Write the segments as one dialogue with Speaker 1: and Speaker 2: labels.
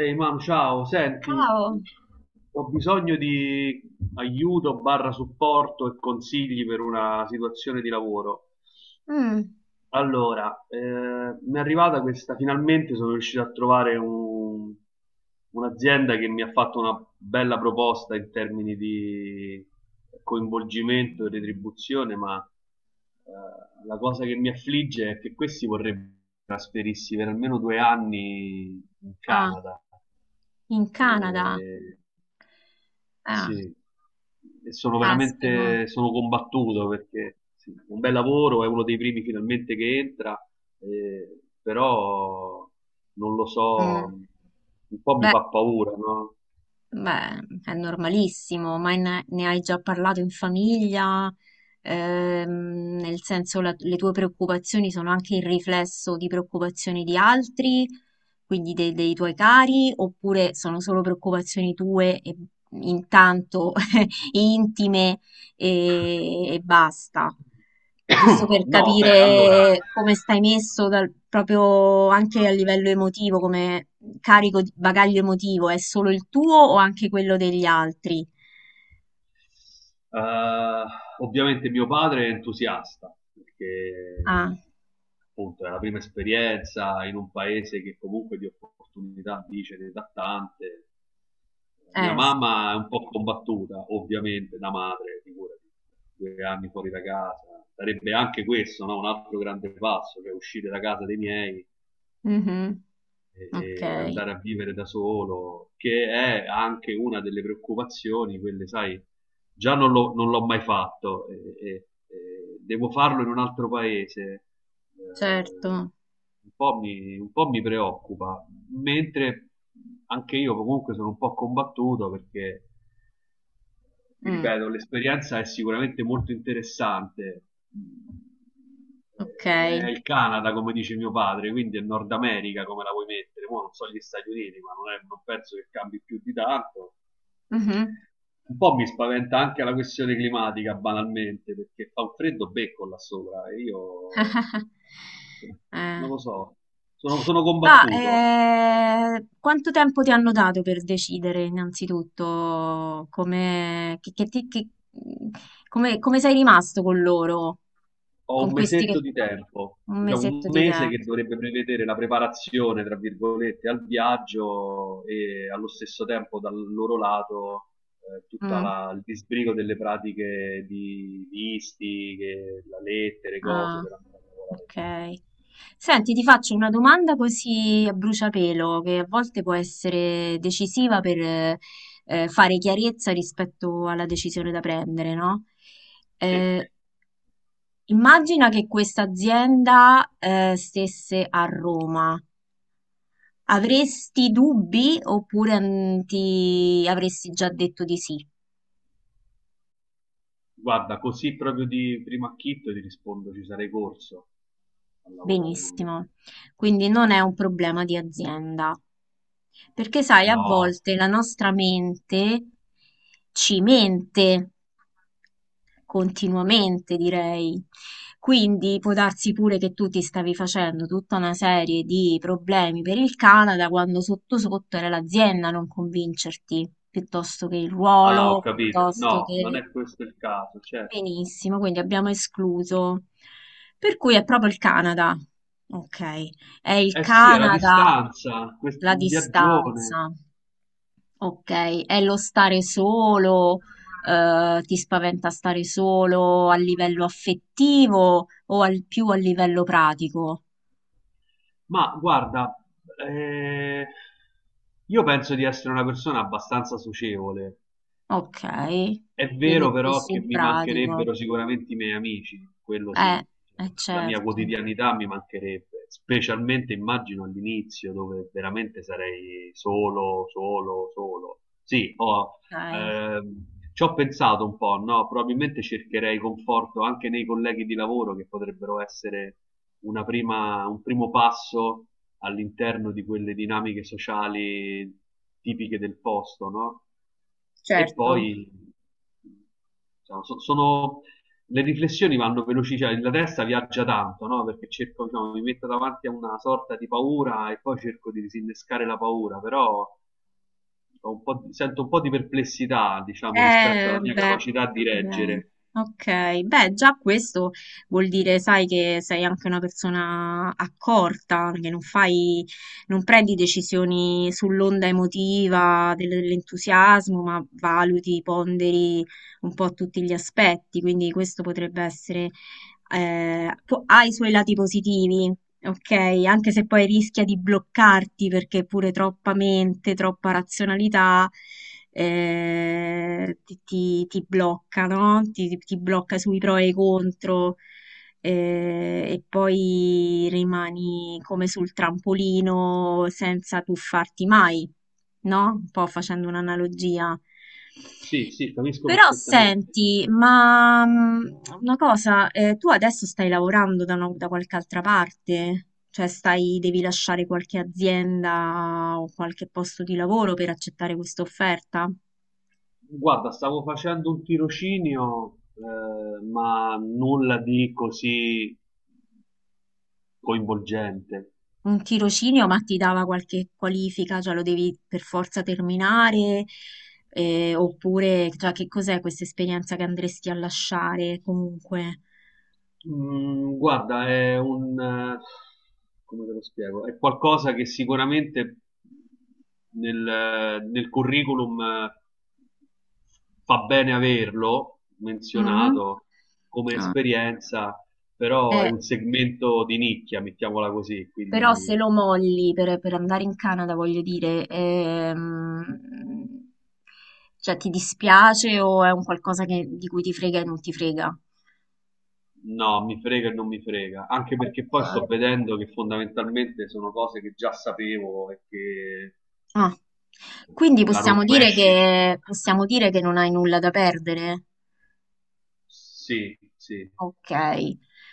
Speaker 1: Ehi Mam, ciao, senti,
Speaker 2: Wow.
Speaker 1: ho bisogno di aiuto barra supporto e consigli per una situazione di lavoro.
Speaker 2: Mm.
Speaker 1: Allora, mi è arrivata questa. Finalmente sono riuscito a trovare un'azienda che mi ha fatto una bella proposta in termini di coinvolgimento e retribuzione, ma la cosa che mi affligge è che questi vorrebbero trasferirsi per almeno 2 anni in
Speaker 2: Ah,
Speaker 1: Canada.
Speaker 2: in Canada.
Speaker 1: E,
Speaker 2: Ah,
Speaker 1: sì, e sono
Speaker 2: caspita.
Speaker 1: veramente sono combattuto perché sì, un bel lavoro, è uno dei primi finalmente che entra. Però non lo so,
Speaker 2: Mm.
Speaker 1: un po' mi
Speaker 2: Beh,
Speaker 1: fa paura, no?
Speaker 2: beh, è normalissimo, ma ne hai già parlato in famiglia? Nel senso le tue preoccupazioni sono anche il riflesso di preoccupazioni di altri, quindi dei tuoi cari, oppure sono solo preoccupazioni tue e intanto intime e basta. Giusto per
Speaker 1: No, beh, allora,
Speaker 2: capire come stai messo proprio anche a livello emotivo, come carico di bagaglio emotivo, è solo il tuo o anche quello degli altri?
Speaker 1: Uh, ovviamente mio padre è entusiasta perché
Speaker 2: Ah,
Speaker 1: appunto è la prima esperienza in un paese che comunque di opportunità dice ne dà tante. Mia
Speaker 2: eh, s-
Speaker 1: mamma è un po' combattuta, ovviamente, da madre, figurati, 2 anni fuori da casa. Sarebbe anche questo, no? Un altro grande passo, cioè uscire da casa dei miei
Speaker 2: mhm, ok,
Speaker 1: e andare a vivere da solo, che è anche una delle preoccupazioni, quelle, sai, già non l'ho mai fatto, e devo farlo in un altro paese. eh,
Speaker 2: certo,
Speaker 1: un po' mi preoccupa, mentre anche io comunque sono un po' combattuto perché, ti
Speaker 2: mm,
Speaker 1: ripeto, l'esperienza è sicuramente molto interessante.
Speaker 2: ok,
Speaker 1: È il Canada, come dice mio padre, quindi è Nord America come la vuoi mettere. Mo non so gli Stati Uniti, ma non, non penso che cambi più di tanto.
Speaker 2: mhm.
Speaker 1: Un po' mi spaventa anche la questione climatica, banalmente, perché fa un freddo becco là sopra e io
Speaker 2: Eh.
Speaker 1: non lo so, sono
Speaker 2: Ma
Speaker 1: combattuto.
Speaker 2: quanto tempo ti hanno dato per decidere innanzitutto come, come sei rimasto con loro?
Speaker 1: Ho
Speaker 2: Con
Speaker 1: un
Speaker 2: questi che...
Speaker 1: mesetto di tempo,
Speaker 2: Un
Speaker 1: diciamo un
Speaker 2: mesetto di
Speaker 1: mese
Speaker 2: tempo.
Speaker 1: che dovrebbe prevedere la preparazione, tra virgolette, al viaggio e allo stesso tempo dal loro lato,
Speaker 2: Mm,
Speaker 1: il disbrigo delle pratiche di visti, la lettera, cose
Speaker 2: ah,
Speaker 1: per andare a lavorare là.
Speaker 2: ok. Senti, ti faccio una domanda così a bruciapelo, che a volte può essere decisiva per fare chiarezza rispetto alla decisione da prendere, no?
Speaker 1: Sì.
Speaker 2: Eh, immagina che questa azienda stesse a Roma. Avresti dubbi oppure mm, ti avresti già detto di sì?
Speaker 1: Guarda, così proprio di primo acchito ti rispondo, ci sarei corso a lavorare con lui.
Speaker 2: Benissimo. Quindi non è un problema di azienda. Perché sai, a
Speaker 1: No,
Speaker 2: volte la nostra mente ci mente, continuamente, direi. Quindi può darsi pure che tu ti stavi facendo tutta una serie di problemi per il Canada quando sotto sotto era l'azienda a non convincerti, piuttosto che il
Speaker 1: ah, ho
Speaker 2: ruolo,
Speaker 1: capito.
Speaker 2: piuttosto
Speaker 1: No, non
Speaker 2: che...
Speaker 1: è questo il caso, certo.
Speaker 2: Benissimo, quindi abbiamo escluso. Per cui è proprio il Canada. Ok, è il
Speaker 1: Eh sì, è la
Speaker 2: Canada,
Speaker 1: distanza,
Speaker 2: la
Speaker 1: un viaggione.
Speaker 2: distanza. Ok, è lo stare solo. Ti spaventa stare solo a livello affettivo o più a livello pratico?
Speaker 1: Ma guarda, eh, io penso di essere una persona abbastanza socievole.
Speaker 2: Ok,
Speaker 1: È vero
Speaker 2: quindi più
Speaker 1: però che
Speaker 2: sul
Speaker 1: mi
Speaker 2: pratico.
Speaker 1: mancherebbero sicuramente i miei amici, quello
Speaker 2: Eh,
Speaker 1: sì,
Speaker 2: eh
Speaker 1: la mia
Speaker 2: certo,
Speaker 1: quotidianità mi mancherebbe, specialmente immagino all'inizio dove veramente sarei solo, solo, solo. Sì,
Speaker 2: ok,
Speaker 1: ehm, ci ho pensato un po', no? Probabilmente cercherei conforto anche nei colleghi di lavoro che potrebbero essere un primo passo all'interno di quelle dinamiche sociali tipiche del posto, no? E
Speaker 2: certo.
Speaker 1: poi, diciamo, le riflessioni vanno veloci, cioè la testa viaggia tanto, no? Perché cerco, diciamo, mi metto davanti a una sorta di paura e poi cerco di disinnescare la paura, però ho un po' di- sento un po' di perplessità, diciamo, rispetto alla mia
Speaker 2: Beh,
Speaker 1: capacità di
Speaker 2: direi.
Speaker 1: reggere.
Speaker 2: Ok, beh, già questo vuol dire, sai, che sei anche una persona accorta, che non prendi decisioni sull'onda emotiva dell'entusiasmo, ma valuti, ponderi un po' tutti gli aspetti, quindi questo potrebbe essere ha i suoi lati positivi, ok? Anche se poi rischia di bloccarti perché pure troppa mente, troppa razionalità ti blocca, no? Ti blocca sui pro e i contro. Eh, e poi rimani come sul trampolino senza tuffarti mai, no? Un po' facendo un'analogia.
Speaker 1: Sì, sì, capisco
Speaker 2: Però
Speaker 1: perfettamente.
Speaker 2: senti, ma mm, una cosa, tu adesso stai lavorando da qualche altra parte? Cioè stai, devi lasciare qualche azienda o qualche posto di lavoro per accettare questa offerta?
Speaker 1: Guarda, stavo facendo un tirocinio, ma nulla di così coinvolgente.
Speaker 2: Un tirocinio, ma ti dava qualche qualifica, cioè lo devi per forza terminare? Oppure, cioè, che cos'è questa esperienza che andresti a lasciare comunque?
Speaker 1: Guarda, come te lo spiego? È qualcosa che sicuramente nel curriculum, fa bene averlo
Speaker 2: Mm?
Speaker 1: menzionato come
Speaker 2: Ah,
Speaker 1: esperienza, però è
Speaker 2: eh,
Speaker 1: un segmento di nicchia, mettiamola così,
Speaker 2: però se
Speaker 1: quindi
Speaker 2: lo molli per andare in Canada, voglio dire, cioè ti dispiace o è un qualcosa di cui ti frega e non ti frega?
Speaker 1: no, mi frega e non mi frega, anche perché
Speaker 2: Ok.
Speaker 1: poi sto vedendo che fondamentalmente sono cose che già sapevo e che
Speaker 2: Ah, quindi
Speaker 1: se la rovesci,
Speaker 2: possiamo dire che non hai nulla da perdere?
Speaker 1: sì, sì.
Speaker 2: Ok.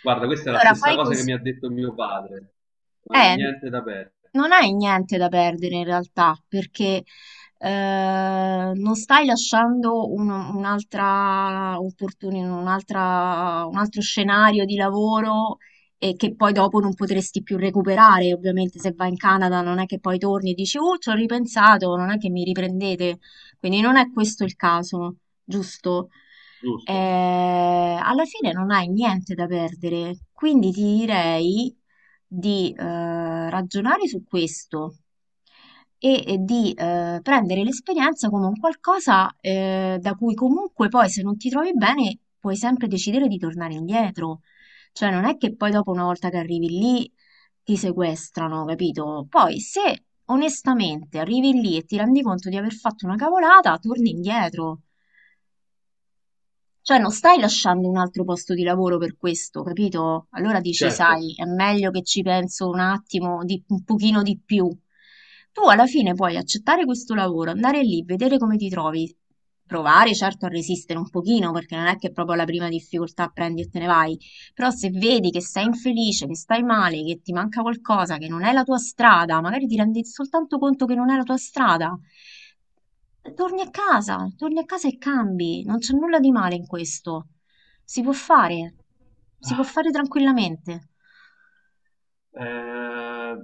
Speaker 1: Guarda, questa è la stessa
Speaker 2: fai
Speaker 1: cosa che
Speaker 2: così.
Speaker 1: mi ha detto mio padre. Non è
Speaker 2: Eh,
Speaker 1: niente da perdere.
Speaker 2: Non hai niente da perdere in realtà, perché non stai lasciando un'altra opportunità, un altro scenario di lavoro e che poi dopo non potresti più recuperare. Ovviamente se vai in Canada non è che poi torni e dici, oh, ci ho ripensato, non è che mi riprendete. Quindi non è questo il caso, giusto?
Speaker 1: Giusto,
Speaker 2: Eh, alla fine non hai niente da perdere, quindi ti direi di ragionare su questo e di prendere l'esperienza come un qualcosa da cui comunque poi se non ti trovi bene puoi sempre decidere di tornare indietro. Cioè non è che poi dopo una volta che arrivi lì ti sequestrano, capito? Poi se onestamente arrivi lì e ti rendi conto di aver fatto una cavolata, torni indietro. Cioè non stai lasciando un altro posto di lavoro per questo, capito? Allora dici,
Speaker 1: certo.
Speaker 2: sai, è meglio che ci penso un attimo, un pochino di più. Tu alla fine puoi accettare questo lavoro, andare lì, vedere come ti trovi, provare certo a resistere un pochino, perché non è che proprio alla prima difficoltà prendi e te ne vai, però se vedi che sei infelice, che stai male, che ti manca qualcosa, che non è la tua strada, magari ti rendi soltanto conto che non è la tua strada. Torni a casa e cambi, non c'è nulla di male in questo. Si può fare, si può
Speaker 1: Ah,
Speaker 2: fare tranquillamente.
Speaker 1: eh,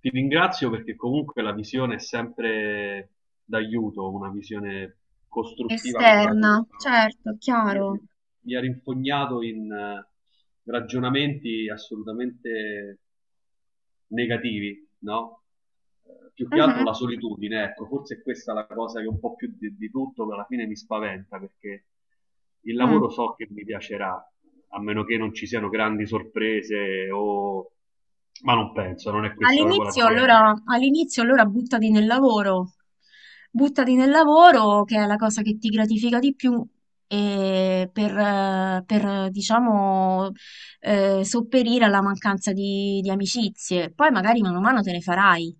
Speaker 1: ti ringrazio perché comunque la visione è sempre d'aiuto, una visione costruttiva come la tua,
Speaker 2: Esterna,
Speaker 1: no?
Speaker 2: certo,
Speaker 1: Io
Speaker 2: chiaro.
Speaker 1: mi ha rinfognato in ragionamenti assolutamente negativi, no? Più che altro
Speaker 2: Mhm,
Speaker 1: la solitudine, ecco, forse è questa è la cosa che un po' più di tutto alla fine mi spaventa perché il
Speaker 2: mm.
Speaker 1: lavoro so che mi piacerà, a meno che non ci siano grandi sorprese o, ma non penso, non è questa proprio l'azienda.
Speaker 2: All'inizio allora buttati nel lavoro che è la cosa che ti gratifica di più e diciamo sopperire alla mancanza di amicizie. Poi magari mano a mano te ne farai.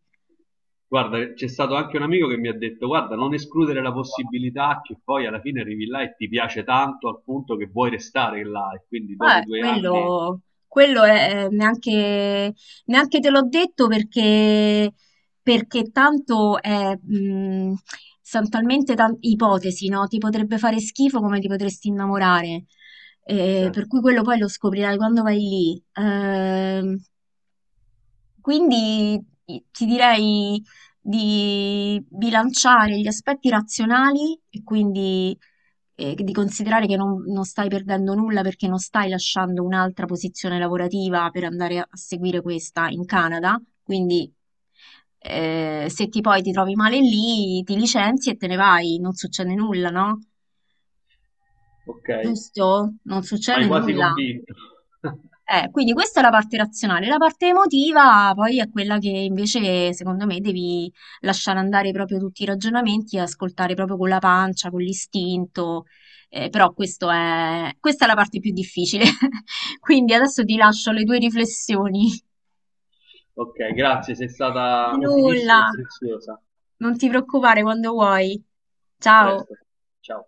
Speaker 1: Guarda, c'è stato anche un amico che mi ha detto, guarda, non escludere la possibilità che poi alla fine arrivi là e ti piace tanto al punto che vuoi restare là e quindi dopo
Speaker 2: Ma
Speaker 1: i 2 anni,
Speaker 2: quello neanche, neanche te l'ho detto perché, perché tanto è, sono talmente tante ipotesi, no? Ti potrebbe fare schifo come ti potresti innamorare.
Speaker 1: cioè,
Speaker 2: Per cui quello poi lo scoprirai quando vai lì. Quindi ti direi di bilanciare gli aspetti razionali e quindi di considerare che non stai perdendo nulla perché non stai lasciando un'altra posizione lavorativa per andare a seguire questa in Canada. Quindi se ti poi ti trovi male lì, ti licenzi e te ne vai, non succede nulla, no?
Speaker 1: ok,
Speaker 2: Giusto? Non
Speaker 1: ma hai
Speaker 2: succede
Speaker 1: quasi
Speaker 2: nulla.
Speaker 1: convinto.
Speaker 2: Quindi questa è la parte razionale, la parte emotiva poi è quella che invece secondo me devi lasciare andare proprio tutti i ragionamenti e ascoltare proprio con la pancia, con l'istinto, però questo è... questa è la parte più difficile. Quindi adesso ti lascio le tue riflessioni.
Speaker 1: Ok, grazie, sei
Speaker 2: Di
Speaker 1: stata utilissima
Speaker 2: nulla,
Speaker 1: e preziosa.
Speaker 2: non ti preoccupare quando vuoi.
Speaker 1: A
Speaker 2: Ciao.
Speaker 1: presto. Ciao.